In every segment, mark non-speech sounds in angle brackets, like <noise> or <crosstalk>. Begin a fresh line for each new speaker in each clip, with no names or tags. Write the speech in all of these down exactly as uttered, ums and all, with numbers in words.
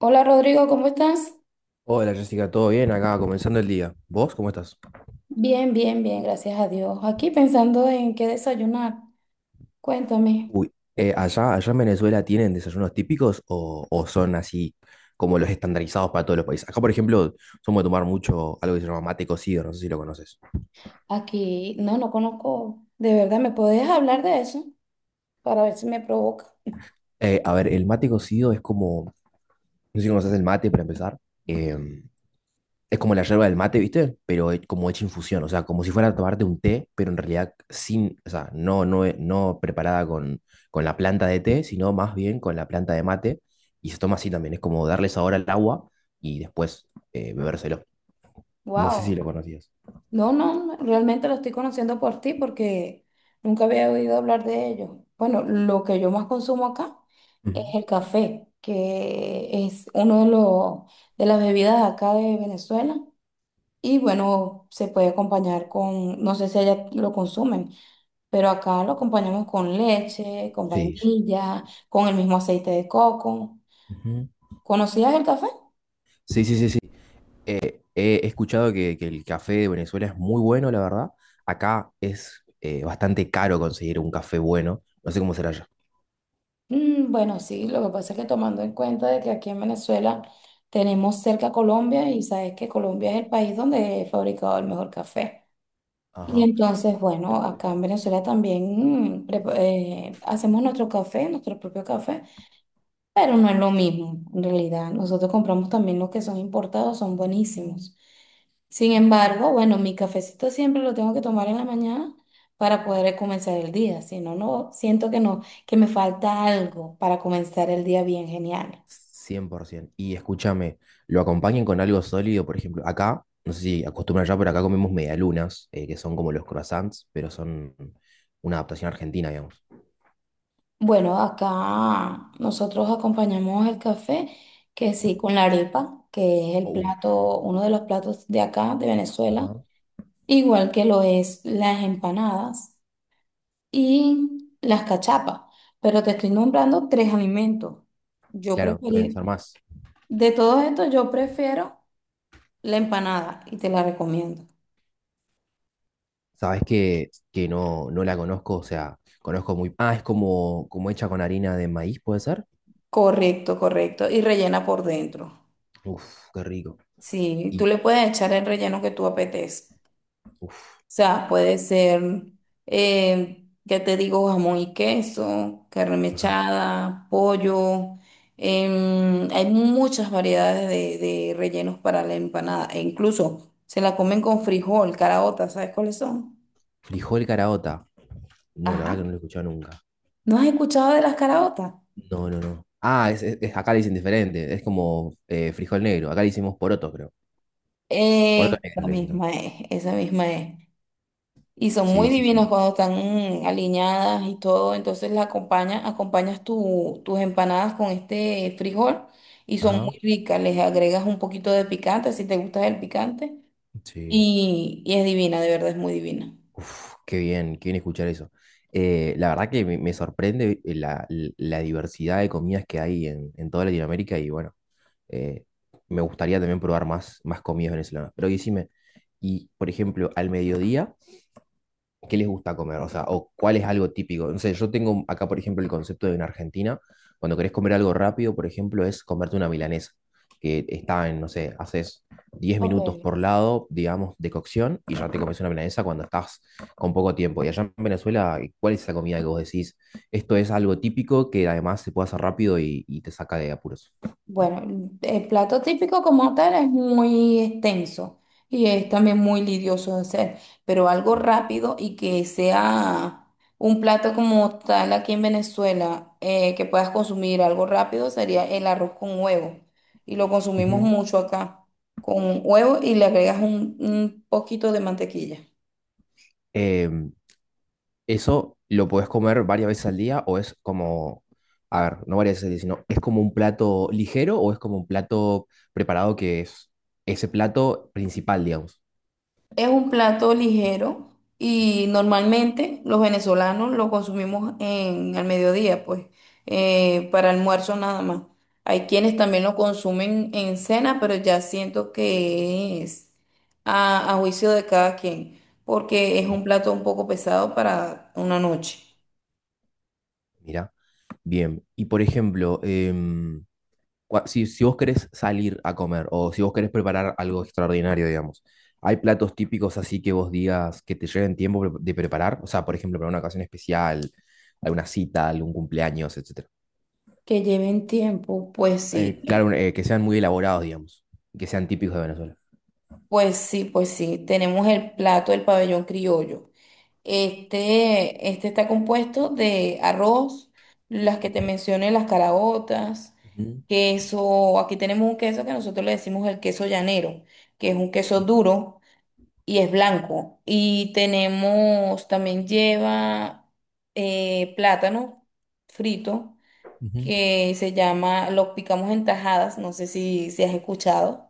Hola Rodrigo, ¿cómo estás?
Hola Jessica, ¿todo bien? Acá comenzando el día. ¿Vos cómo estás?
Bien, bien, bien, gracias a Dios. Aquí pensando en qué desayunar. Cuéntame.
Uy, eh, ¿allá, allá en Venezuela tienen desayunos típicos o, o son así como los estandarizados para todos los países? Acá, por ejemplo, somos de tomar mucho algo que se llama mate cocido, no sé si lo conoces.
Aquí, no, no conozco. De verdad, ¿me podés hablar de eso? Para ver si me provoca.
Eh, a ver, el mate cocido es como, no sé si conoces el mate para empezar. Eh, Es como la yerba del mate, ¿viste? Pero he- como hecha infusión, o sea, como si fuera a tomarte un té, pero en realidad sin, o sea, no, no, e- no preparada con, con la planta de té, sino más bien con la planta de mate. Y se toma así también, es como darle sabor al agua y después eh, bebérselo. No sé si lo
Wow.
conocías.
No, no, realmente lo estoy conociendo por ti porque nunca había oído hablar de ello. Bueno, lo que yo más consumo acá es
Ujú.
el café, que es uno de los de las bebidas acá de Venezuela. Y bueno, se puede acompañar con, no sé si allá lo consumen, pero acá lo acompañamos con leche, con
Sí, sí.
vainilla, con el mismo aceite de coco.
Ujú.
¿Conocías el café?
Sí, sí, sí, sí. Eh, he he escuchado que, que el café de Venezuela es muy bueno, la verdad. Acá es eh, bastante caro conseguir un café bueno. No sé cómo será allá.
Mm, bueno, sí, lo que pasa es que tomando en cuenta de que aquí en Venezuela tenemos cerca a Colombia y sabes que Colombia es el país donde he fabricado el mejor café. Y
Ajá.
entonces, bueno, acá en Venezuela también mm, prepa- eh, hacemos nuestro café, nuestro propio café. Pero no es lo mismo, en realidad. Nosotros compramos también los que son importados, son buenísimos. Sin embargo, bueno, mi cafecito siempre lo tengo que tomar en la mañana para poder comenzar el día. Si no, no, siento que no, que me falta algo para comenzar el día bien genial.
cien por ciento. Y escúchame, lo acompañen con algo sólido, por ejemplo, acá, no sé si acostumbran ya, pero acá comemos medialunas, eh, que son como los croissants, pero son una adaptación argentina, digamos.
Bueno, acá nosotros acompañamos el café, que sí, con la arepa, que es el
Oh.
plato, uno de los platos de acá, de Venezuela,
Ajá.
igual que lo es las empanadas y las cachapas. Pero te estoy nombrando tres alimentos. Yo
Claro, deben
prefería,
ser más.
de todos estos, yo prefiero la empanada y te la recomiendo.
Sabes que, que no, no la conozco, o sea, conozco muy. Ah, es como, como hecha con harina de maíz, ¿puede ser?
Correcto, correcto. Y rellena por dentro.
Uf, qué rico.
Sí, tú
Y,
le puedes echar el relleno que tú apetezcas.
uf,
Sea, puede ser, eh, ya te digo, jamón y queso, carne
ajá.
mechada, pollo. Em, hay muchas variedades de, de rellenos para la empanada. E incluso se la comen con frijol, caraotas, ¿sabes cuáles son?
Frijol caraota. No, la verdad
Ajá.
que no lo he escuchado nunca.
¿No has escuchado de las caraotas?
No, no, no. Ah, es, es- es- acá le dicen diferente. Es como eh, frijol negro. Acá le hicimos poroto, creo. Poroto
Eh,
negro
la
le decimos acá.
misma es, esa misma es. Y son muy
Sí, sí,
divinas
sí.
cuando están aliñadas y todo. Entonces la acompaña, acompañas tu- tus empanadas con este frijol y son
Ajá.
muy ricas. Les agregas un poquito de picante si te gusta el picante.
Sí.
Y, y es divina, de verdad es muy divina.
Uf, qué bien, qué bien escuchar eso. Eh, la verdad que me, me sorprende eh, la, la diversidad de comidas que hay en, en toda Latinoamérica y bueno, eh, me gustaría también probar más, más comidas venezolanas. Pero decime, y por ejemplo, al mediodía, qué les gusta comer, o sea, o cuál es algo típico. No sé, yo tengo acá, por ejemplo, el concepto de en Argentina, cuando querés comer algo rápido, por ejemplo, es comerte una milanesa, que está en, no sé, haces diez minutos
Ok.
por lado, digamos, de cocción, y ya te comes una milanesa cuando estás con poco tiempo. Y allá en Venezuela, ¿cuál es esa comida que vos decís? Esto es algo típico que además se puede hacer rápido y, y te saca de apuros.
Bueno, el plato típico como tal es muy extenso y es también muy lidioso de hacer, pero algo
Sí.
rápido y que sea un plato como tal aquí en Venezuela, eh, que puedas consumir algo rápido sería el arroz con huevo. Y lo consumimos
Ujú.
mucho acá, con huevo y le agregas un, un poquito de mantequilla.
Em, Eso lo podés comer varias veces al día o es como, a ver, no varias veces al día, sino es como un plato ligero o es como un plato preparado que es ese plato principal, digamos.
Es un plato ligero y normalmente los venezolanos lo consumimos en al mediodía, pues, eh, para almuerzo nada más. Hay quienes también lo consumen en cena, pero ya siento que es a, a juicio de cada quien, porque es
Ah,
un plato un poco pesado para una noche.
mira, bien. Y por ejemplo, em, cua- si, si vos querés salir a comer o si vos querés preparar algo extraordinario, digamos, ¿hay platos típicos así que vos digas que te lleven tiempo pre- de preparar? O sea, por ejemplo, para una ocasión especial, alguna cita, algún cumpleaños, etcétera.
Que lleven tiempo, pues sí,
Eh, claro, eh, que sean muy elaborados, digamos, que sean típicos de Venezuela.
pues sí, pues sí. Tenemos el plato del pabellón criollo. Este, este está compuesto de arroz, las que te mencioné, las caraotas,
Ujú,
queso. Aquí tenemos un queso que nosotros le decimos el queso llanero, que es un queso duro y es blanco. Y tenemos, también lleva eh, plátano frito,
ujú.
que se llama, lo picamos en tajadas, no sé si, si has escuchado.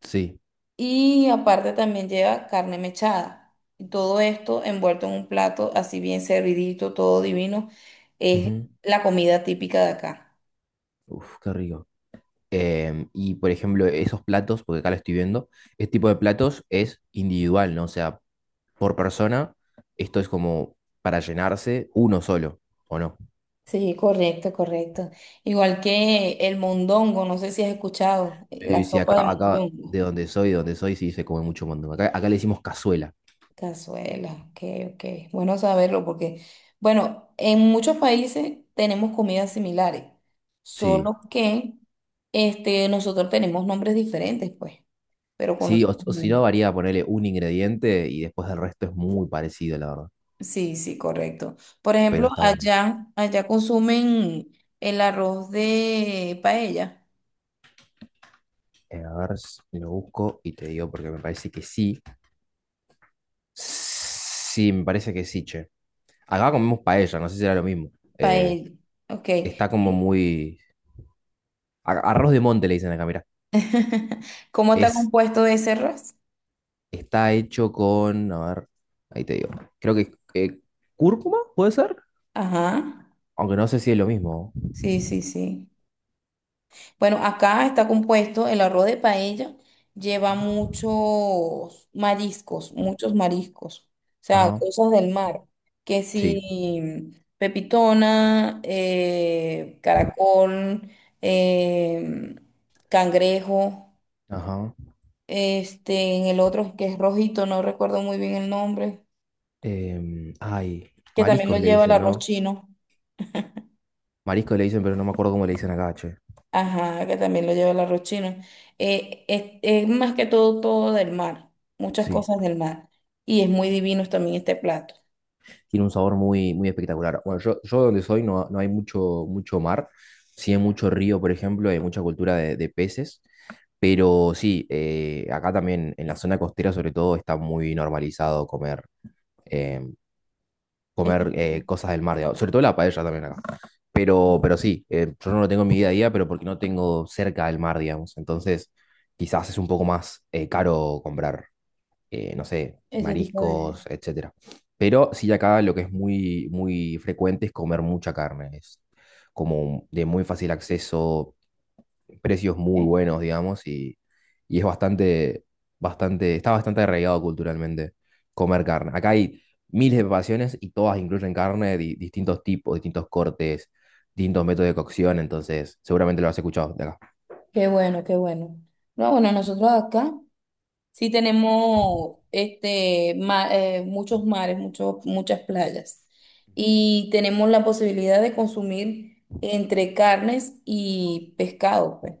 Sí.
Y aparte también lleva carne mechada. Y todo esto envuelto en un plato así bien servidito, todo divino, es
Ujú.
la comida típica de acá.
Uf, qué rico. Em, y por ejemplo, esos platos, porque acá lo estoy viendo, este tipo de platos es individual, ¿no? O sea, por persona, esto es como para llenarse uno solo, ¿o no?
Sí, correcto, correcto. Igual que el mondongo, no sé si has escuchado, eh,
Sí,
la
sí, sí,
sopa de
acá, acá
mondongo.
de donde soy, de donde soy, sí se come mucho mondongo. Acá, acá le decimos cazuela,
Cazuela, ok, ok. Bueno saberlo porque, bueno, en muchos países tenemos comidas similares,
sí.
solo que este, nosotros tenemos nombres diferentes, pues, pero
Sí, o, o si no,
conocemos.
varía ponerle un ingrediente y después el resto es muy parecido, la verdad.
Sí, sí, correcto. Por
Pero
ejemplo,
está bueno.
allá, allá consumen el arroz de paella.
Eh, a ver, s- lo busco y te digo porque me parece que sí. Sí, me parece que sí, che. Acá comemos paella, no sé si era lo mismo. Eh,
Paella, ok.
está como muy. a- Arroz de monte le dicen acá, mirá.
<laughs> ¿Cómo está
Es,
compuesto ese arroz?
está hecho con, a ver, ahí te digo. Creo que eh, cúrcuma, ¿puede ser?
Ajá.
Aunque no sé si es lo mismo.
Sí, sí, sí. Bueno, acá está compuesto el arroz de paella, lleva
Ujú.
muchos mariscos, muchos mariscos, o sea,
Ajá,
cosas del mar, que
sí,
si pepitona, eh, caracol, eh, cangrejo,
ajá.
este, en el otro que es rojito, no recuerdo muy bien el nombre,
Em, ay,
que también lo
mariscos le
lleva el
dicen,
arroz
¿no?
chino.
Mariscos le dicen, pero no me acuerdo cómo le dicen acá, che.
Ajá, que también lo lleva el arroz chino. Eh, es, es más que todo todo del mar, muchas
Sí.
cosas del mar. Y es muy divino también este plato.
Tiene un sabor muy, muy espectacular. Bueno, yo, yo donde soy no, no hay mucho, mucho mar, sí hay mucho río, por ejemplo, hay mucha cultura de, de peces, pero sí, eh, acá también en la zona costera sobre todo está muy normalizado comer, eh,
Este
comer eh,
tipo,
cosas del mar, digamos, sobre todo la paella también acá. Pero, pero sí, eh, yo no lo tengo en mi día a día, pero porque no tengo cerca del mar, digamos, entonces quizás es un poco más eh, caro comprar eh, no sé,
ese tipo de...
mariscos, etcétera. Pero sí acá lo que es muy, muy frecuente es comer mucha carne. Es como de muy fácil acceso, precios muy
¿eh?
buenos, digamos, y, y es bastante, bastante, está bastante arraigado culturalmente comer carne. Acá hay miles de preparaciones y todas incluyen carne, de distintos tipos, distintos cortes, distintos métodos de cocción, entonces seguramente lo has escuchado de acá.
Qué bueno, qué bueno. No, bueno, nosotros acá sí tenemos este, ma- eh, muchos mares, muchos, muchas playas. Y tenemos la posibilidad de consumir entre carnes y pescado, pues.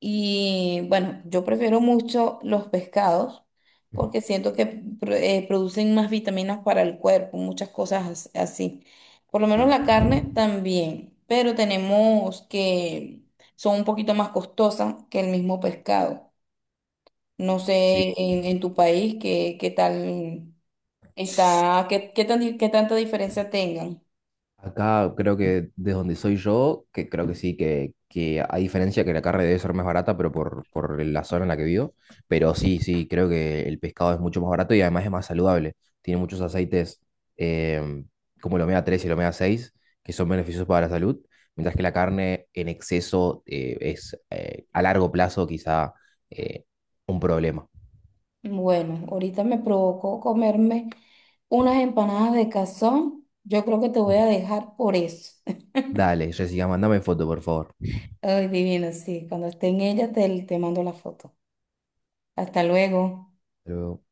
Y bueno, yo prefiero mucho los pescados
Ujú.
porque siento que pro- eh, producen más vitaminas para el cuerpo, muchas cosas as- así. Por lo menos la carne también, pero tenemos que son un poquito más costosas que el mismo pescado. No sé
Sí.
en, en tu país qué, qué tal
Sí.
está, qué, qué tan di- qué tanta diferencia tengan.
Acá creo que desde donde soy yo, que creo que sí, que, que a diferencia que la carne debe ser más barata, pero por, por la zona en la que vivo, pero sí, sí, creo que el pescado es mucho más barato y además es más saludable. Tiene muchos aceites eh, como el omega tres y el omega seis que son beneficiosos para la salud, mientras que la carne en exceso eh, es eh, a largo plazo quizá eh, un problema.
Bueno, ahorita me provocó comerme unas empanadas de cazón. Yo creo que te voy
Ujú.
a dejar por eso. <laughs>
Dale, Jessica, mandame foto, por favor.
Ay, divino, sí. Cuando esté en ella te, te mando la foto. Hasta luego.
Pero-